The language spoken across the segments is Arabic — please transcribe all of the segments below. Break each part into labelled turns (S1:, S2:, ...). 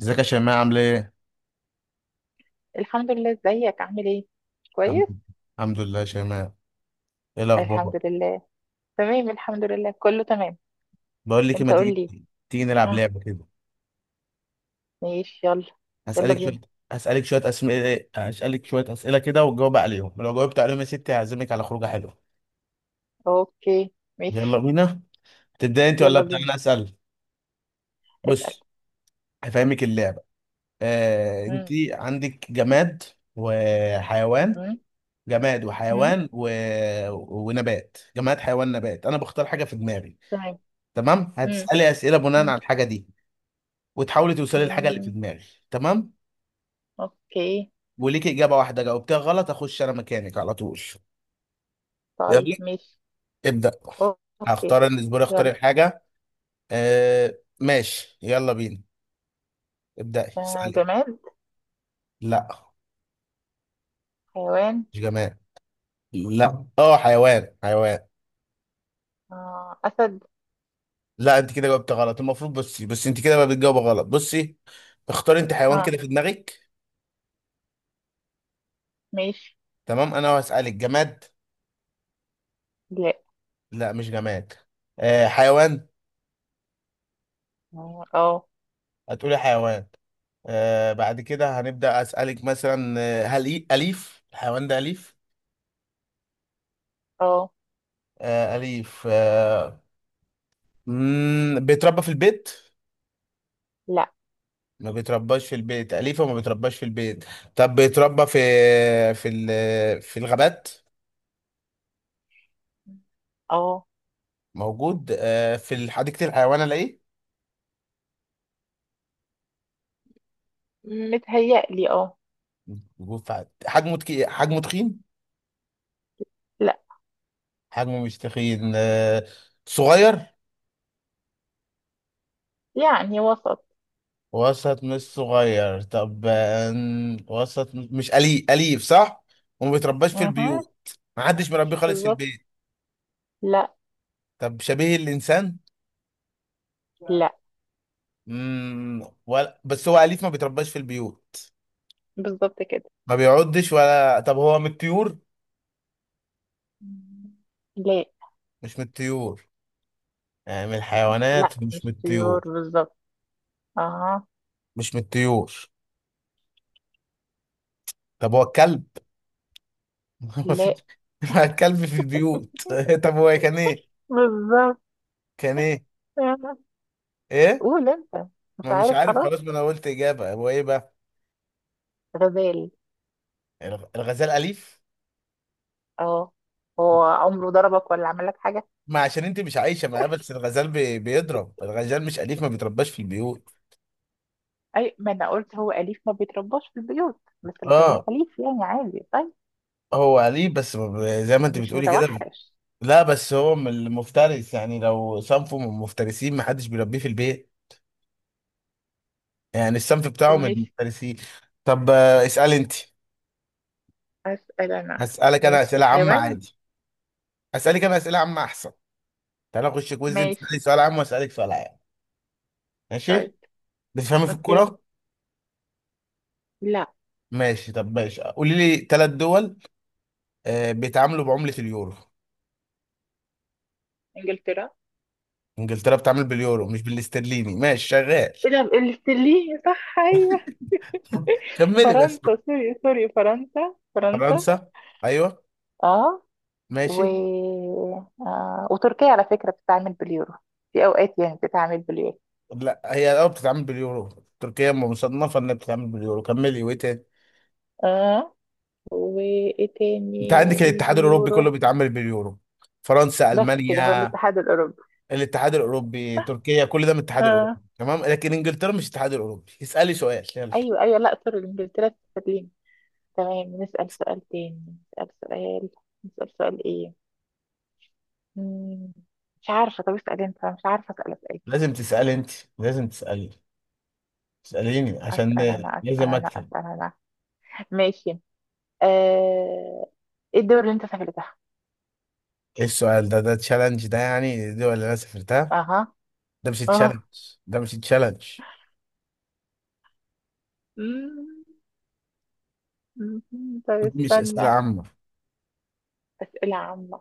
S1: ازيك يا شيماء عامل ايه؟
S2: الحمد لله، ازيك عامل ايه؟ كويس
S1: الحمد الحمد لله يا شيماء، ايه الاخبار؟
S2: الحمد لله. تمام الحمد لله، كله تمام.
S1: بقول لك إيه،
S2: انت
S1: ما
S2: قول
S1: تيجي
S2: لي.
S1: تيجي نلعب
S2: اه
S1: لعبه كده.
S2: ماشي يلا. يلا
S1: هسألك
S2: بينا.
S1: شويه هسألك شويه اسئله كده وتجاوب عليهم، لو جاوبت عليهم يا ستي هعزمك على خروجه حلوه.
S2: اوكي
S1: يلا
S2: ماشي.
S1: بينا، تبدأ انت ولا
S2: يلا
S1: ابدأ
S2: بينا
S1: انا اسأل؟
S2: اسأل.
S1: بص، هفهمك اللعبه. انت
S2: مم.
S1: عندك جماد وحيوان،
S2: مم.
S1: جماد
S2: مم.
S1: وحيوان و... ونبات. جماد حيوان نبات، انا بختار حاجه في دماغي،
S2: تمام.
S1: تمام؟
S2: مم.
S1: هتسألي اسئله بناء
S2: مم.
S1: على الحاجه دي، وتحاولي توصلي للحاجه اللي في
S2: مم.
S1: دماغي، تمام.
S2: اوكي.
S1: وليكي اجابه واحده، جاوبتها غلط اخش انا مكانك على طول.
S2: طيب
S1: يلا
S2: ماشي.
S1: ابدا.
S2: اوكي.
S1: هختار انا الاسبوع، اختار
S2: يلا.
S1: الحاجه. آه ماشي، يلا بينا، ابداي
S2: آه
S1: اسالي.
S2: جماد.
S1: لا،
S2: حيوان.
S1: مش جماد. لا اه، حيوان حيوان.
S2: آه اسد.
S1: لا، انت كده جاوبت غلط. المفروض بصي، بس انت كده بقى بتجاوب غلط، بصي. اختاري انت حيوان
S2: اه
S1: كده في دماغك.
S2: ماشي.
S1: تمام، انا هسالك جماد.
S2: لا
S1: لا، مش جماد. آه، حيوان.
S2: اه اه.
S1: هتقولي حيوان. آه، بعد كده هنبدأ أسألك مثلا آه، هل أليف الحيوان ده؟ أليف؟
S2: آه.
S1: آه أليف، آه. مم، بيتربى في البيت؟
S2: لا
S1: ما بيترباش في البيت. أليف وما بيترباش في البيت. طب بيتربى في في الغابات؟
S2: اه.
S1: موجود آه في حديقة الحيوان ألاقيه؟
S2: متهيألي اه.
S1: موجود في حجمه حجمه تخين؟
S2: لا.
S1: حجمه مش تخين، آه صغير؟
S2: يعني وسط.
S1: وسط مش صغير. طب آه، وسط مش أليف، أليف صح؟ وما بيترباش في
S2: اها.
S1: البيوت. ما حدش مربيه خالص في
S2: بالظبط.
S1: البيت.
S2: لا.
S1: طب شبيه الإنسان؟
S2: لا.
S1: ولا بس هو أليف ما بيترباش في البيوت.
S2: بالظبط كده.
S1: ما بيعضش، ولا طب هو من الطيور؟
S2: لا.
S1: مش من الطيور. يعني من
S2: لا
S1: الحيوانات مش من
S2: مش طيور
S1: الطيور.
S2: بالظبط. اها.
S1: مش من الطيور. طب هو الكلب؟ ما
S2: لا.
S1: في، ما الكلب في البيوت. طب هو كان إيه؟
S2: بالظبط.
S1: كان إيه؟
S2: آه.
S1: إيه؟
S2: قول انت. مش
S1: ما مش
S2: عارف
S1: عارف
S2: خلاص.
S1: خلاص، ما أنا قلت إجابة. هو إيه بقى؟
S2: غزال.
S1: الغزال أليف؟
S2: اه، هو عمره ضربك ولا عمل لك حاجة؟
S1: ما عشان انت مش عايشه معاه، بس الغزال بيضرب. الغزال مش اليف ما بيترباش في البيوت.
S2: اي ما انا قلت هو اليف ما بيترباش في البيوت، بس الغزال
S1: اه
S2: اليف يعني عادي. طيب
S1: هو اليف، بس ما ب- زي ما انت
S2: مش
S1: بتقولي كده.
S2: متوحش.
S1: لا بس هو من المفترس، يعني لو صنفه من المفترسين ما حدش بيربيه في البيت. يعني الصنف
S2: طب
S1: بتاعه من
S2: ماشي.
S1: المفترسين. طب آه، اسالي انت.
S2: أسأل أنا.
S1: هسالك انا
S2: ماشي
S1: اسئله عامه
S2: حيوان.
S1: عادي. هسالك انا اسئله عامه احسن. تعالى اخش كويز، انت
S2: ماشي.
S1: تسالي سؤال عام واسالك سؤال عام.
S2: طيب
S1: ماشي. بتفهمي في
S2: اوكي.
S1: الكوره؟
S2: لا.
S1: ماشي. طب ماشي، قولي لي ثلاث دول بيتعاملوا بعمله اليورو.
S2: إنجلترا.
S1: انجلترا بتعمل باليورو مش بالاسترليني؟ ماشي شغال.
S2: ايه ده الاستليه؟ صح ايوه.
S1: كملي بس.
S2: فرنسا سوري سوري فرنسا فرنسا.
S1: فرنسا، ايوه،
S2: اه. و
S1: ماشي.
S2: وتركيا على فكرة بتتعامل باليورو. في اوقات يعني بتتعامل باليورو.
S1: لا هي اه بتتعامل باليورو. تركيا مصنفه انها بتتعامل باليورو. كملي، وايه تاني؟
S2: اه، وايه
S1: انت
S2: تاني
S1: عندك
S2: في
S1: الاتحاد الاوروبي كله
S2: بيورو؟
S1: بيتعامل باليورو، فرنسا،
S2: بس كده هو
S1: المانيا.
S2: الاتحاد الاوروبي.
S1: الاتحاد الاوروبي، تركيا، كل ده من الاتحاد الاوروبي.
S2: اه.
S1: تمام لكن انجلترا مش الاتحاد الاوروبي. اسالي سؤال يلا.
S2: ايوه ايوه، لا سوري، انجلترا استرليني. تمام نسأل سؤال تاني. نسأل سؤال. نسأل سؤال ايه؟ مم. مش عارفة، طب اسأل انت، أنا مش عارفة اسأل اسئلة.
S1: لازم تسالي انت لازم تسالي. اساليني عشان
S2: اسأل انا اسأل
S1: لازم
S2: انا
S1: اكتب.
S2: اسأل انا. ماشي. آه، ايه الدول اللي انت سافرتها؟
S1: ايه السؤال ده؟ ده تشالنج ده يعني؟ دي ولا انا سافرتها؟
S2: اها.
S1: ده مش تشالنج
S2: اه.
S1: ده مش تشالنج.
S2: مم، مم. طب
S1: دي مش اسئله
S2: استنى.
S1: عامه.
S2: اسئله عامه.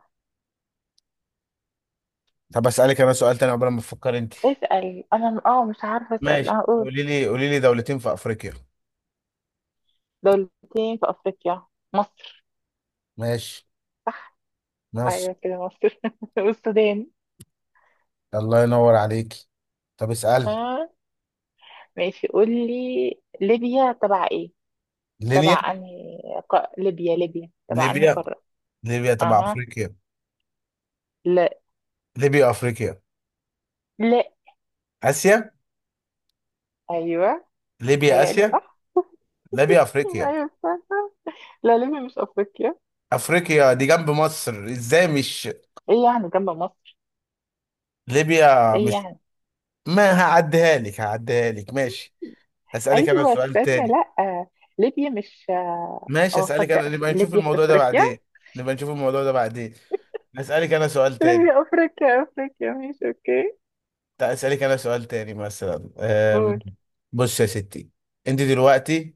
S1: طب اسالك انا سؤال تاني عقبال ما تفكر انت.
S2: اسال انا. اه مش عارفه اسال.
S1: ماشي،
S2: اه قول.
S1: قولي لي دولتين في افريقيا.
S2: دولتين في افريقيا. مصر.
S1: ماشي، مصر.
S2: ايوه كده، مصر والسودان.
S1: الله ينور عليك. طب اسال.
S2: اه ماشي. قول لي ليبيا تبع ايه،
S1: ليبيا.
S2: تبع انهي؟ ليبيا، ليبيا تبع انهي
S1: ليبيا
S2: قاره؟
S1: ليبيا تبع
S2: اها.
S1: افريقيا.
S2: لا.
S1: ليبيا افريقيا.
S2: لا.
S1: اسيا.
S2: ايوه
S1: ليبيا
S2: متهيألي
S1: اسيا.
S2: صح.
S1: ليبيا افريقيا.
S2: ايوه صح. لا ليبيا مش افريقيا.
S1: افريقيا دي جنب مصر ازاي مش،
S2: ايه يعني جنب مصر؟
S1: ليبيا
S2: ايه
S1: مش،
S2: يعني؟
S1: ما هعديها لك، هعديها لك ماشي. هسألك انا
S2: ايوه
S1: سؤال
S2: استنى،
S1: تاني.
S2: لا ليبيا مش
S1: ماشي اسالك انا،
S2: ليبيا في افريقيا.
S1: نبقى نشوف الموضوع ده بعدين. اسالك انا سؤال تاني.
S2: ليبيا افريقيا افريقيا، ماشي اوكي.
S1: طيب اسالك انا سؤال تاني، مثلا
S2: قول.
S1: بص يا ستي، انت دلوقتي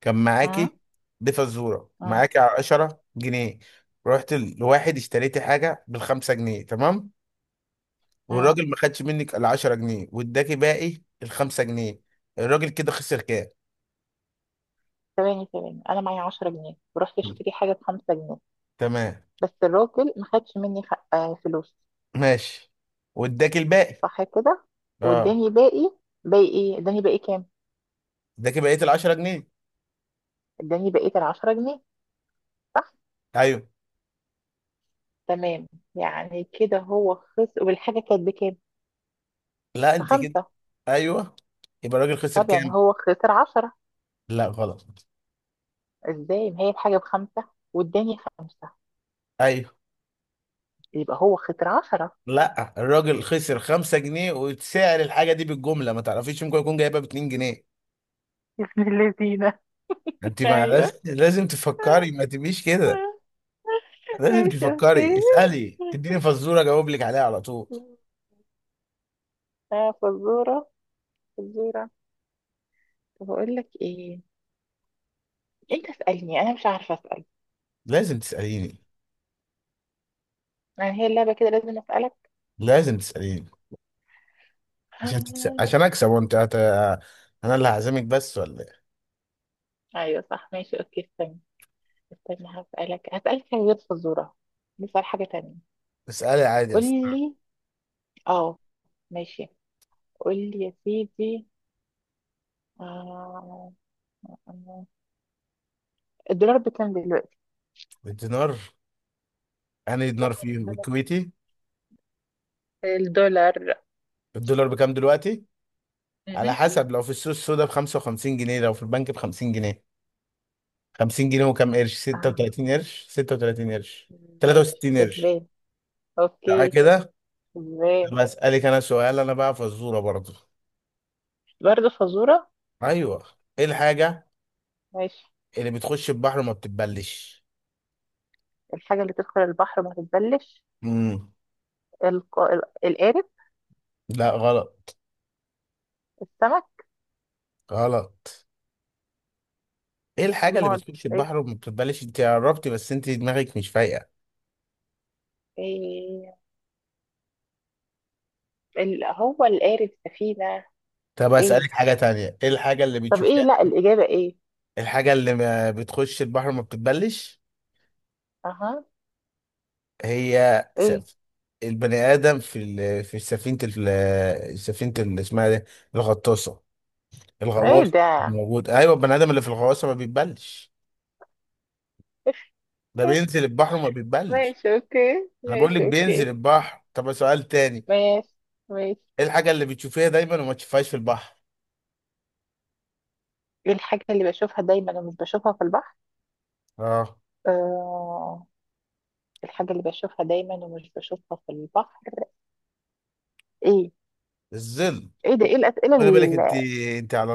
S1: كان
S2: اه
S1: معاكي، دي فزوره
S2: اه
S1: معاكي، 10 جنيه. رحت لواحد اشتريتي حاجه بالخمسة جنيه، تمام؟
S2: اه.
S1: والراجل ما خدش منك ال 10 جنيه واداكي باقي الخمسة جنيه. الراجل كده خسر كام؟
S2: ثواني ثواني، انا معايا 10 جنيه ورحت
S1: مم.
S2: اشتري حاجه ب 5 جنيه.
S1: تمام.
S2: بس الراجل ما خدش مني فلوس.
S1: ماشي، واداكي الباقي.
S2: صح كده.
S1: اه،
S2: واداني باقي. باقي ايه؟ اداني باقي كام؟
S1: اداكي بقيه ال 10 جنيه.
S2: اداني بقيه ال 10 جنيه. صح.
S1: ايوه.
S2: تمام. يعني كده هو خسر، والحاجه كانت بكام؟
S1: لا انت كده،
S2: بخمسه.
S1: ايوه، يبقى الراجل خسر
S2: طب يعني
S1: كام؟
S2: هو خسر 10؟
S1: لا غلط.
S2: ازاي، ما هي الحاجة بخمسة واداني خمسة،
S1: ايوه.
S2: يبقى هو خسر عشرة.
S1: لا، الراجل خسر 5 جنيه، وسعر الحاجه دي بالجمله ما تعرفيش، ممكن يكون جايبها ب 2 جنيه.
S2: بسم اللذينة.
S1: انت ما لازم
S2: ايوه
S1: لازم تفكري، ما تبقيش كده. لازم
S2: ماشي اوكي.
S1: تفكري، اسالي، تديني فزوره اجاوب لك عليها على طول.
S2: فزورة. فزورة. طب اقول لك ايه؟ انت اسألني انا مش عارفة اسأل.
S1: لازم تساليني
S2: يعني هي اللعبة كده لازم اسألك؟
S1: لازم تساليني عشان
S2: آه،
S1: عشان اكسب، وانت انا اللي هعزمك بس ولا ايه؟
S2: ايوه صح ماشي اوكي استنى. استنى، هسألك هسألك حاجة غير فزورة. نسأل حاجة تانية.
S1: اسالي عادي يا
S2: قول
S1: ست.
S2: لي. اه ماشي. قول لي يا سيدي. آه... الدولار بكام دلوقتي؟
S1: الدينار، انا دينار فيه
S2: الدولار.
S1: الكويتي.
S2: الدولار.
S1: الدولار بكام دلوقتي؟ على
S2: مهم.
S1: حسب، لو في السوق السودا ب 55 جنيه، لو في البنك ب 50 جنيه. 50 جنيه وكام قرش،
S2: آه.
S1: 36 قرش،
S2: ماشي
S1: 63 قرش.
S2: كسبان.
S1: تعالى
S2: اوكي.
S1: كده.
S2: كسبان.
S1: طب اسالك انا سؤال انا بقى، فزوره برضو.
S2: برضه فزورة.
S1: ايوه. ايه الحاجه
S2: ماشي.
S1: اللي بتخش البحر وما بتتبلش؟
S2: الحاجة اللي تدخل البحر ما تتبلش؟
S1: امم.
S2: القارب.
S1: لا غلط.
S2: السمك.
S1: غلط. ايه الحاجه اللي
S2: امال
S1: بتخش
S2: ايه؟
S1: البحر وما بتتبلش؟ انت قربتي، بس انت دماغك مش فايقه.
S2: إيه، ال... هو القارب سفينة؟
S1: طب
S2: ايه؟
S1: اسالك حاجه تانية، ايه الحاجه اللي
S2: طب ايه،
S1: بتشوفيها؟
S2: لا الإجابة ايه؟
S1: الحاجه اللي ما بتخش البحر وما بتتبلش.
S2: اها.
S1: هي
S2: ايه؟
S1: البني ادم في في سفينه سفينه اسمها دي الغطاسه.
S2: ايه
S1: الغواص
S2: ده؟
S1: موجود، ايوه، البني ادم اللي في الغواصه ما بيتبلش. ده
S2: إيه؟
S1: بينزل البحر وما بيتبلش.
S2: ماشي اوكي
S1: انا بقول لك
S2: ماشي اوكي.
S1: بينزل البحر. طب سؤال تاني.
S2: ماشي. ماشي.
S1: ايه الحاجه اللي بتشوفيها دايما وما تشوفهاش في البحر؟
S2: ايه الحاجة اللي بشوفها دايما ومش بشوفها في البحر؟
S1: اه.
S2: آه... الحاجة اللي بشوفها دايما ومش بشوفها في البحر. ايه؟
S1: الظل.
S2: ايه ده؟ ايه الأسئلة
S1: خلي بالك انت، انت على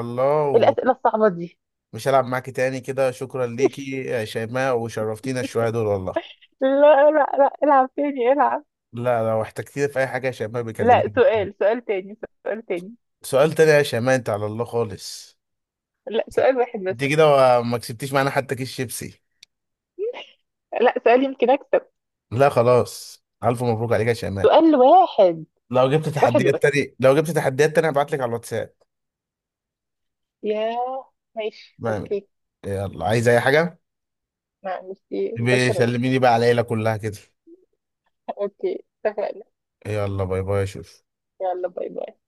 S2: إيه
S1: الله.
S2: الأسئلة الصعبة دي؟
S1: ومش هلعب معاكي تاني كده، شكرا ليكي يا شيماء وشرفتينا الشويه دول والله.
S2: لا لا لا العب تاني، العب.
S1: لا، لو احتجتيني في اي حاجه يا شيماء
S2: لا
S1: بيكلميني.
S2: سؤال، سؤال تاني. سؤال تاني.
S1: سؤال تاني يا شيماء؟ انت على الله خالص.
S2: لا سؤال واحد بس.
S1: انت كده ما كسبتيش معانا حتى كيس شيبسي.
S2: لا سؤال، يمكن أكسب.
S1: لا خلاص، الف مبروك عليك يا شيماء.
S2: سؤال واحد. واحد بس.
S1: لو جبت تحديات تاني هبعت لك على الواتساب.
S2: يا ماشي
S1: ما-
S2: اوكي.
S1: يلا، عايز اي حاجه؟
S2: معلش. شكرا.
S1: بيسلميني بقى على العيله كلها كده.
S2: اوكي اتفقنا.
S1: يلا باي باي يا شوف.
S2: يلا باي باي.